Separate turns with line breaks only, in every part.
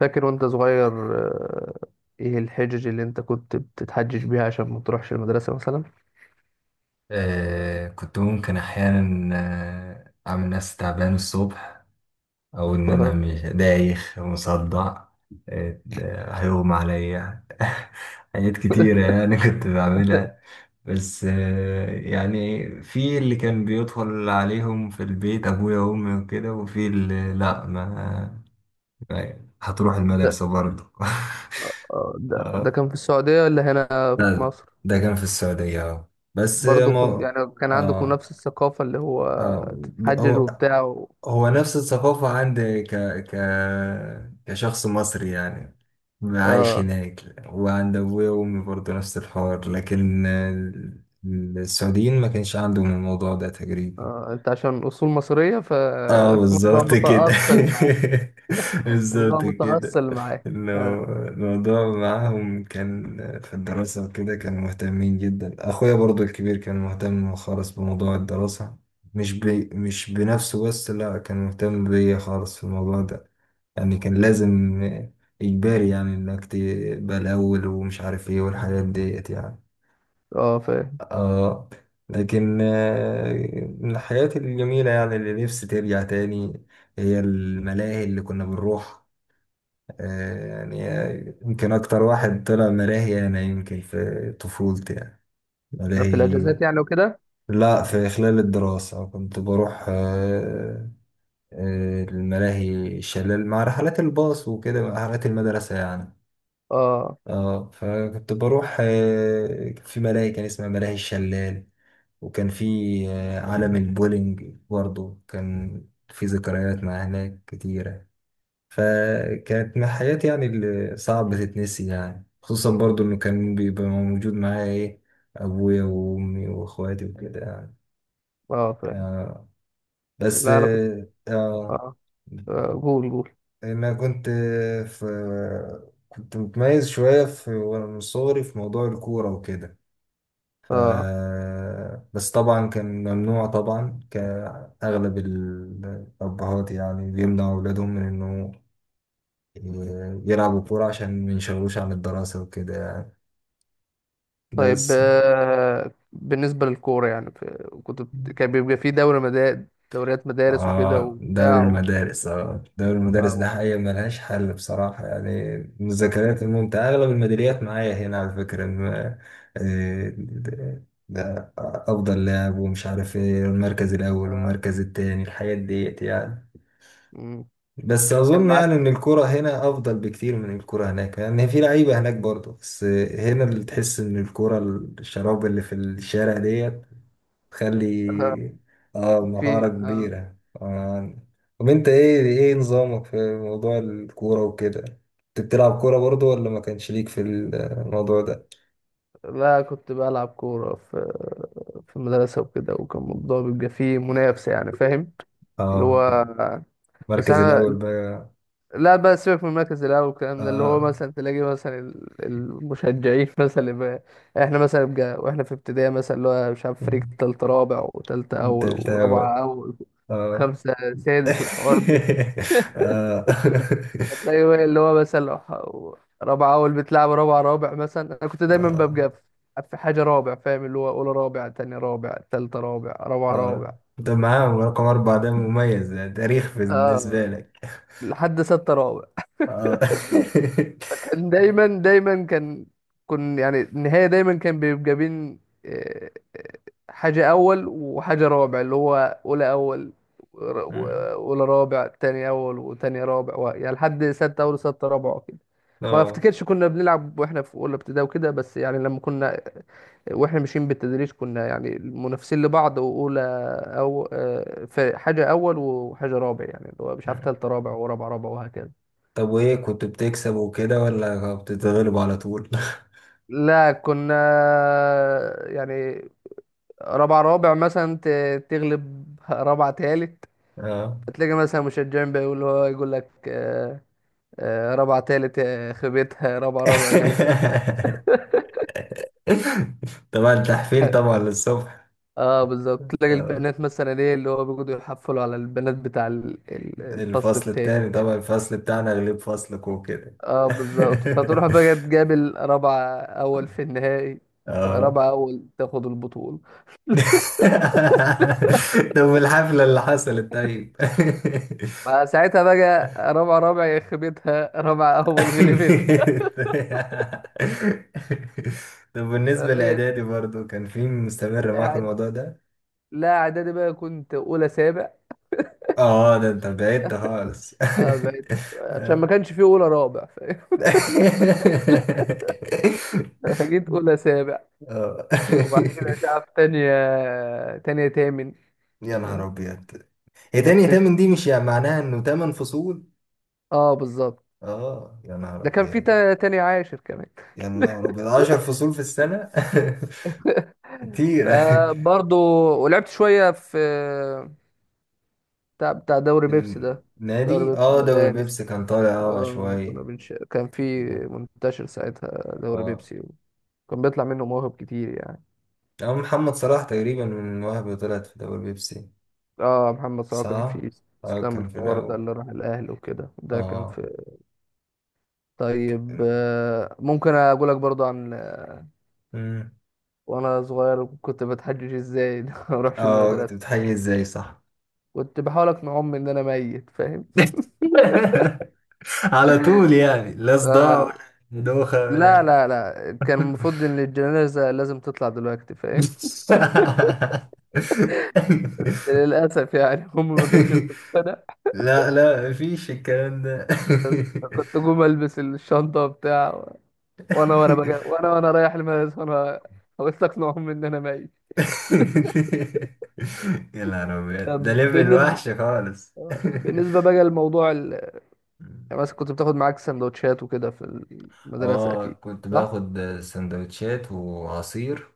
فاكر وانت صغير؟ آه، ايه الحجج اللي انت كنت بتتحجج بيها عشان ما تروحش المدرسة مثلا؟
آه، كنت ممكن أحيانا، أعمل نفسي تعبان الصبح، أو إن أنا مش دايخ مصدع، ده هيغمى عليا. حاجات كتيرة يعني كنت بعملها. بس يعني في اللي كان بيدخل عليهم في البيت، أبويا وأمي وكده، وفي اللي لأ، هتروح
ده,
المدرسة برضه.
ده
آه،
كان في السعودية ولا هنا في
لا،
مصر؟
ده كان في السعودية، اه. بس
برضو كنت
ما،
يعني كان عندكم
اه،
نفس الثقافة اللي هو
اه.
تتحجج
هو
وبتاع و...
هو نفس الثقافة عندي، ك... كشخص مصري يعني، عايش
آه.
هناك. وعند أبويا وأمي برضه نفس الحوار، لكن السعوديين ما كانش عندهم الموضوع ده تقريبا.
آه انت عشان اصول مصرية
اه،
فالموضوع
بالظبط كده.
متأصل معاك. الموضوع
بالظبط كده.
متأصل معاك.
انه
اه،
الموضوع معاهم كان في الدراسة وكده، كانوا مهتمين جدا. اخويا برضو الكبير كان مهتم خالص بموضوع الدراسة، مش بنفسه بس، لا، كان مهتم بيا خالص في الموضوع ده. يعني كان لازم، اجباري يعني، انك تبقى الاول ومش عارف ايه، والحاجات ديت يعني.
آه، فاهم.
اه. لكن من الحاجات الجميلة يعني اللي نفسي ترجع تاني، هي الملاهي اللي كنا بنروح. يعني، يمكن أكتر واحد طلع ملاهي أنا يمكن في طفولتي يعني.
ده في
ملاهي.
الاجازات يعني وكده.
لا، في خلال الدراسة كنت بروح، الملاهي، شلال، مع رحلات الباص وكده، مع رحلات المدرسة يعني.
اه
اه. فكنت بروح، كان في ملاهي كان اسمها ملاهي الشلال، وكان في عالم البولينج برضه. كان في ذكريات مع هناك كتيرة، فكانت من حياتي يعني اللي صعب تتنسي يعني، خصوصا برضه انه كان بيبقى موجود معايا ايه، ابويا وامي واخواتي وكده يعني.
اه، فاهم.
آه. بس
لا انا كنت.
اه.
اه. قول قول.
انا كنت في كنت متميز شوية، وانا من صغري في موضوع الكورة وكده. ف
اه،
بس طبعا كان ممنوع طبعا، كأغلب الأبهات يعني بيمنعوا أولادهم من إنه يلعبوا كورة عشان ما ينشغلوش عن الدراسة وكده يعني.
طيب،
بس
بالنسبة للكورة يعني، كان بيبقى في دوري مدارس، دوريات مدارس وكده
اه، دوري
وبتاع و...
المدارس اه دوري المدارس ده
أو...
حقيقة ملهاش حل بصراحة، يعني من الذكريات الممتعة، أغلب الميداليات معايا هنا على فكرة، إن آه، ده ده أفضل لاعب ومش عارف إيه، المركز الأول
آه،
والمركز التاني، الحاجات ديت يعني.
مم.
بس
كان
اظن
معاك
يعني ان الكرة هنا افضل بكتير من الكرة هناك، لان في لعيبة هناك برضه، بس هنا اللي تحس ان الكرة، الشراب اللي في الشارع ديت، تخلي
آه،
اه مهارة
في
كبيرة. آه. طب انت، ايه ايه نظامك في موضوع الكورة وكده؟ انت بتلعب كورة برضه ولا ما كانش ليك في الموضوع ده؟
لا كنت بلعب كورة في المدرسة وكده، وكان الموضوع بيبقى فيه منافسة، يعني فاهم؟ اللي
اه،
هو بس
المركز
أنا،
الاول بقى.
لا بقى سيبك من المركز الاول والكلام ده، اللي هو
اه،
مثلا تلاقي مثلا المشجعين مثلا اللي بقى احنا مثلا بقى واحنا في ابتدائي مثلا، اللي هو مش عارف فريق تالت رابع وتالتة اول
والتالت اول.
ورابعة اول
اه.
خمسة سادس والحوارات دي.
اه.
هتلاقي بقى اللي هو مثلا لو رابعة اول بتلعب رابعة رابع مثلا، انا كنت دايما
آه.
ببقى في حاجة رابع، فاهم؟ اللي هو اولى رابع، تاني رابع، تالتة رابع، رابعة
اه،
رابع،
ده معاهم رقم أربعة، ده مميز، ده تاريخ بالنسبة
آه
لك.
لحد ستة رابع.
اه.
فكان دايما دايما كان، يعني النهاية دايما كان بيبقى بين آه، آه، حاجة أول وحاجة رابع، اللي هو أولى أول ور- و-
مم.
أولى رابع، تاني أول وتاني رابع يعني لحد ستة أول وستة رابع وكده. ما
اه.
افتكرش كنا بنلعب واحنا في اولى ابتدائي وكده، بس يعني لما كنا واحنا ماشيين بالتدريج كنا يعني منافسين لبعض، واولى او في حاجه اول وحاجه رابع يعني، اللي هو مش عارف
مم.
تالته رابع ورابع رابع وهكذا.
طب وإيه، كنت بتكسب وكده ولا بتتغلب على طول؟
لا كنا يعني رابع رابع مثلا تغلب رابع تالت،
اه.
تلاقي مثلا مشجعين بيقول، هو يقول لك رابع تالت خيبتها، رابع رابع غلبت.
طبعا تحفيل طبعا للصبح.
اه بالظبط، تلاقي
آه.
البنات مثلا، ايه اللي هو بيقعدوا يحفلوا على البنات بتاع الفصل
الفصل
التاني،
التاني طبعا،
فاهم؟
الفصل بتاعنا غلب فصلك وكده.
اه بالظبط، فتروح بقى تقابل رابعة اول في النهائي،
اه.
رابعة اول تاخد البطولة.
طب الحفلة اللي حصلت طيب.
فساعتها بقى رابعة رابع يخبطها، رابعة اول غلبت.
طب بالنسبة
فبقت
لإعدادي برضو، كان في مستمر معاك
قاعد.
الموضوع ده؟
لا اعدادي بقى كنت اولى سابع.
اه، ده انت بعدت خالص.
اه بقيت عشان ما
اه.
كانش فيه اولى رابع، فاهم؟ جيت اولى سابع.
آه.
وبعد كده مش عارف، تانية، تامن،
يا نهار
فاهم؟
أبيض، هي تاني
نطيت.
تمن دي مش يعني معناها إنه تمن فصول؟
اه بالظبط.
اه، يا نهار
ده كان في
أبيض،
تانية عاشر كمان.
يا نهار أبيض، 10 فصول في السنة. كتير.
فبرضه ولعبت شوية في بتاع دوري بيبسي ده، دوري
النادي،
بيبسي
دوري
المدارس.
بيبسي كان طالع شوية.
كان في منتشر ساعتها دوري
اه،
بيبسي، وكان بيطلع منه مواهب كتير يعني.
أو محمد صلاح تقريبا من وهب طلعت في دوري بيبسي،
اه محمد صلاح كان
صح؟
في،
اه،
اسلام
كان في
الفار ده
الأول.
اللي راح الاهلي وكده ده كان
اه.
في. طيب ممكن اقول لك برضو عن
أمم.
وانا صغير كنت بتحجج ازاي إن أنا ما اروحش
اه، كنت
المدرسه.
بتحيي ازاي، صح؟
كنت بحاول اقنع امي ان انا ميت، فاهم؟
على طول يعني، لا صداع. آه.
آه.
ولا دوخة
لا
ولا.
لا لا، كان المفروض ان الجنازه لازم تطلع دلوقتي، فاهم؟ للاسف يعني امي ما كانتش بتقتنع.
لا، لا، مفيش الكلام ده.
بس كنت اقوم البس الشنطه بتاع، وانا بجا، وانا رايح المدرسه، وانا حاولت اقنع امي ان انا ميت.
يا نهار أبيض،
طب
ده ليفل وحش خالص.
بالنسبة بقى لموضوع ال... يعني مثلا كنت بتاخد معاك سندوتشات وكده في المدرسة
اه،
أكيد،
كنت
صح؟
باخد سندوتشات وعصير،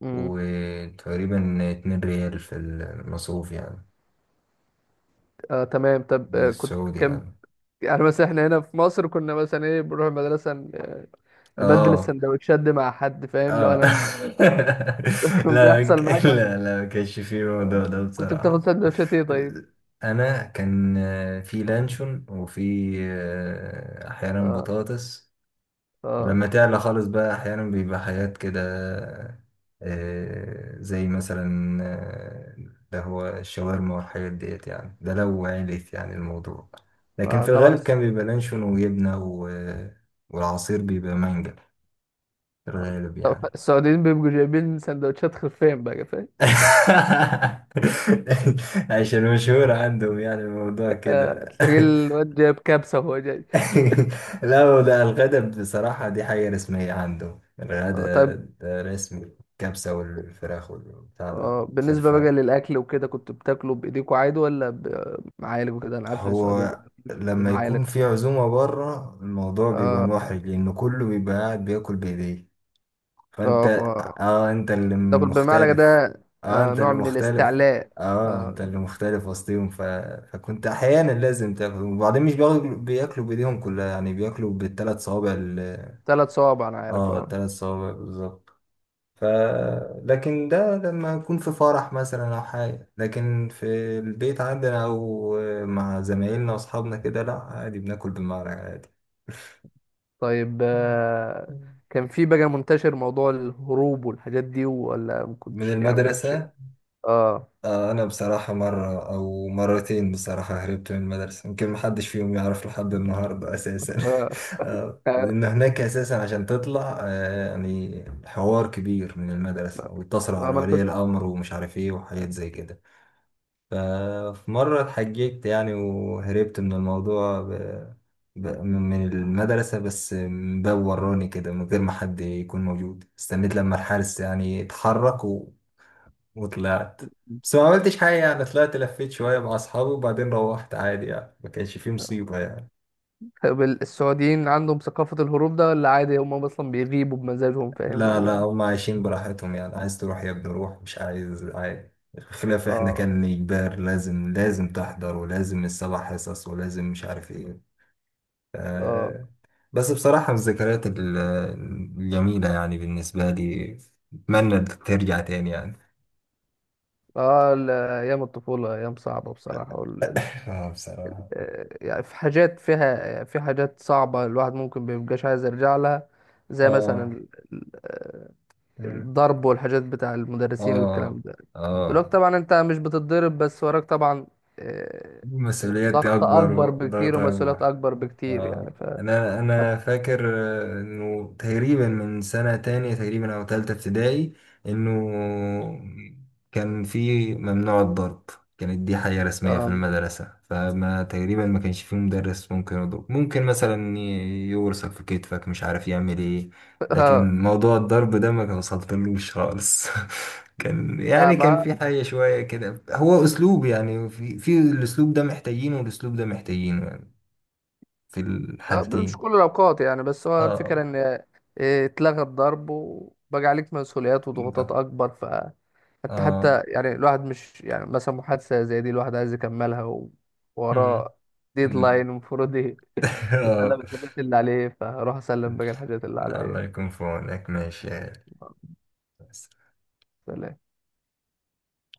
امم.
وتقريبا 2 ريال في المصروف يعني
آه تمام. طب آه،
السعودي
كان
يعني.
يعني مثلا احنا هنا في مصر كنا مثلا ايه بنروح المدرسة، نبدل
اه،
السندوتشات دي مع حد، فاهم؟ لو
اه.
انا آه. كان
لا،
بيحصل معاك برضه،
لا، لا، ما كانش فيه الموضوع ده
كنت بتاخد
بصراحة.
سندوتشات ايه طيب؟
انا كان في لانشون، وفي احيانا
اه،
بطاطس.
اه,
ولما تعلى خالص بقى احيانا بيبقى حاجات كده، زي مثلا ده هو الشاورما والحاجات ديت يعني، ده لو عليت يعني الموضوع. لكن
آه
في
طبعا
الغالب كان بيبقى لانشون وجبنة والعصير بيبقى مانجا في الغالب
طبعاً
يعني.
السعوديين بيبقوا جايبين سندوتشات خفين بقى، فاهم؟
عشان مشهور عندهم يعني الموضوع
آه
كده.
تلاقي الواد جايب كبسة وهو جاي.
لا، هو ده الغدا بصراحة، دي حاجة رسمية عنده
آه
الغدا،
طيب.
ده رسمي. الكبسة والفراخ والبتاع
اه
ده،
بالنسبة بقى
خرفان.
للأكل وكده، كنت بتاكله بإيديكوا عادي ولا بمعالج وكده؟ أنا عارف إن السعوديين ما
هو
بياكلوش
لما
بمعالج.
يكون في عزومة بره، الموضوع بيبقى
اه،
محرج، لأن كله بيبقى قاعد بياكل بإيديه. فأنت،
اه ف
اه أنت اللي
تاكل بمعلقة
مختلف،
ده
اه
آه
أنت
نوع
اللي
من
مختلف،
الاستعلاء.
اه
آه،
أنت اللي مختلف وسطيهم. فكنت أحيانا لازم تاكل، وبعدين مش بياكلوا بياكلوا بإيديهم كلها يعني، بياكلوا بالثلاث صوابع.
ثلاث صوابع أنا عارف،
اه،
اه.
تلات صوابع بالظبط. ف لكن ده لما اكون في فرح مثلا او حاجه، لكن في البيت عندنا، او مع زمايلنا واصحابنا كده، لا عادي، بناكل بالمعلقه عادي.
طيب
مم.
آه،
مم.
كان في بقى منتشر موضوع الهروب والحاجات دي، ولا ما
من
كنتش يعني ما كانش...
المدرسه؟
اه،
آه، انا بصراحه، مره او مرتين بصراحه هربت من المدرسه، يمكن محدش فيهم يعرف لحد النهارده اساسا.
اه، آه،
لان هناك اساسا، عشان تطلع يعني حوار كبير من المدرسه، ويتصلوا
ما
على
أنا
ولي
كنت.
الامر ومش عارف ايه، وحاجات زي كده. ففي مرة اتحججت يعني، وهربت من الموضوع، من المدرسة، بس من باب وراني كده من غير ما حد يكون موجود. استنيت لما الحارس يعني اتحرك وطلعت. بس ما عملتش حاجة يعني، طلعت لفيت شوية مع أصحابي وبعدين روحت عادي يعني، ما كانش فيه مصيبة يعني.
طب السعوديين عندهم ثقافة الهروب ده ولا عادي، هم أصلا بيغيبوا بمزاجهم فاهم
لا، لا،
ولا؟
هم عايشين براحتهم يعني، عايز تروح يا ابني روح، مش عايز عادي. خلاف احنا
اه.
كان إجبار، لازم، لازم تحضر، ولازم السبع حصص، ولازم مش عارف ايه.
اه.
آه، بس بصراحة من الذكريات الجميلة يعني بالنسبة لي، أتمنى ترجع تاني يعني.
اه، ايام الطفوله ايام صعبه بصراحه،
اه، بصراحة.
يعني في حاجات فيها، في حاجات صعبه الواحد ممكن مبيبقاش عايز يرجع لها، زي مثلا
اه. مم.
الضرب والحاجات بتاع المدرسين
اه،
والكلام ده. دلوقتي
اه.
طبعا انت مش بتتضرب، بس وراك طبعا آه،
المسؤوليات دي
ضغط
أكبر
اكبر بكتير
والضغط
ومسؤوليات
أكبر.
اكبر بكتير يعني
اه،
ف
انا
حت-
فاكر انه تقريبا من سنة تانية تقريبا او تالتة ابتدائي، انه كان في ممنوع الضرب، كانت دي حاجة رسمية في
اه.
المدرسة، فما تقريبا ما كانش في مدرس ممكن يضرب، ممكن مثلا يورسك في كتفك، مش عارف يعمل ايه.
آه.
لكن موضوع الضرب ده ما كان وصلتلوش خالص. كان
لا
يعني كان
ما
في حاجة شوية كده، هو أسلوب يعني، في الأسلوب ده محتاجينه، والأسلوب ده محتاجينه يعني. في
آه، مش
الحالتين.
كل الأوقات يعني، بس هو
اه،
الفكرة إن اتلغى الضرب وبقى عليك مسؤوليات وضغوطات
ب-
أكبر، فأنت
اه.
حتى يعني الواحد مش يعني مثلا محادثة زي دي الواحد عايز يكملها،
مم.
ووراه ديدلاين
مم.
المفروض
آه.
يسلم الحاجات اللي عليه، فأروح أسلم باقي الحاجات اللي
الله
عليا.
يكون في عونك، ماشي.
سلام.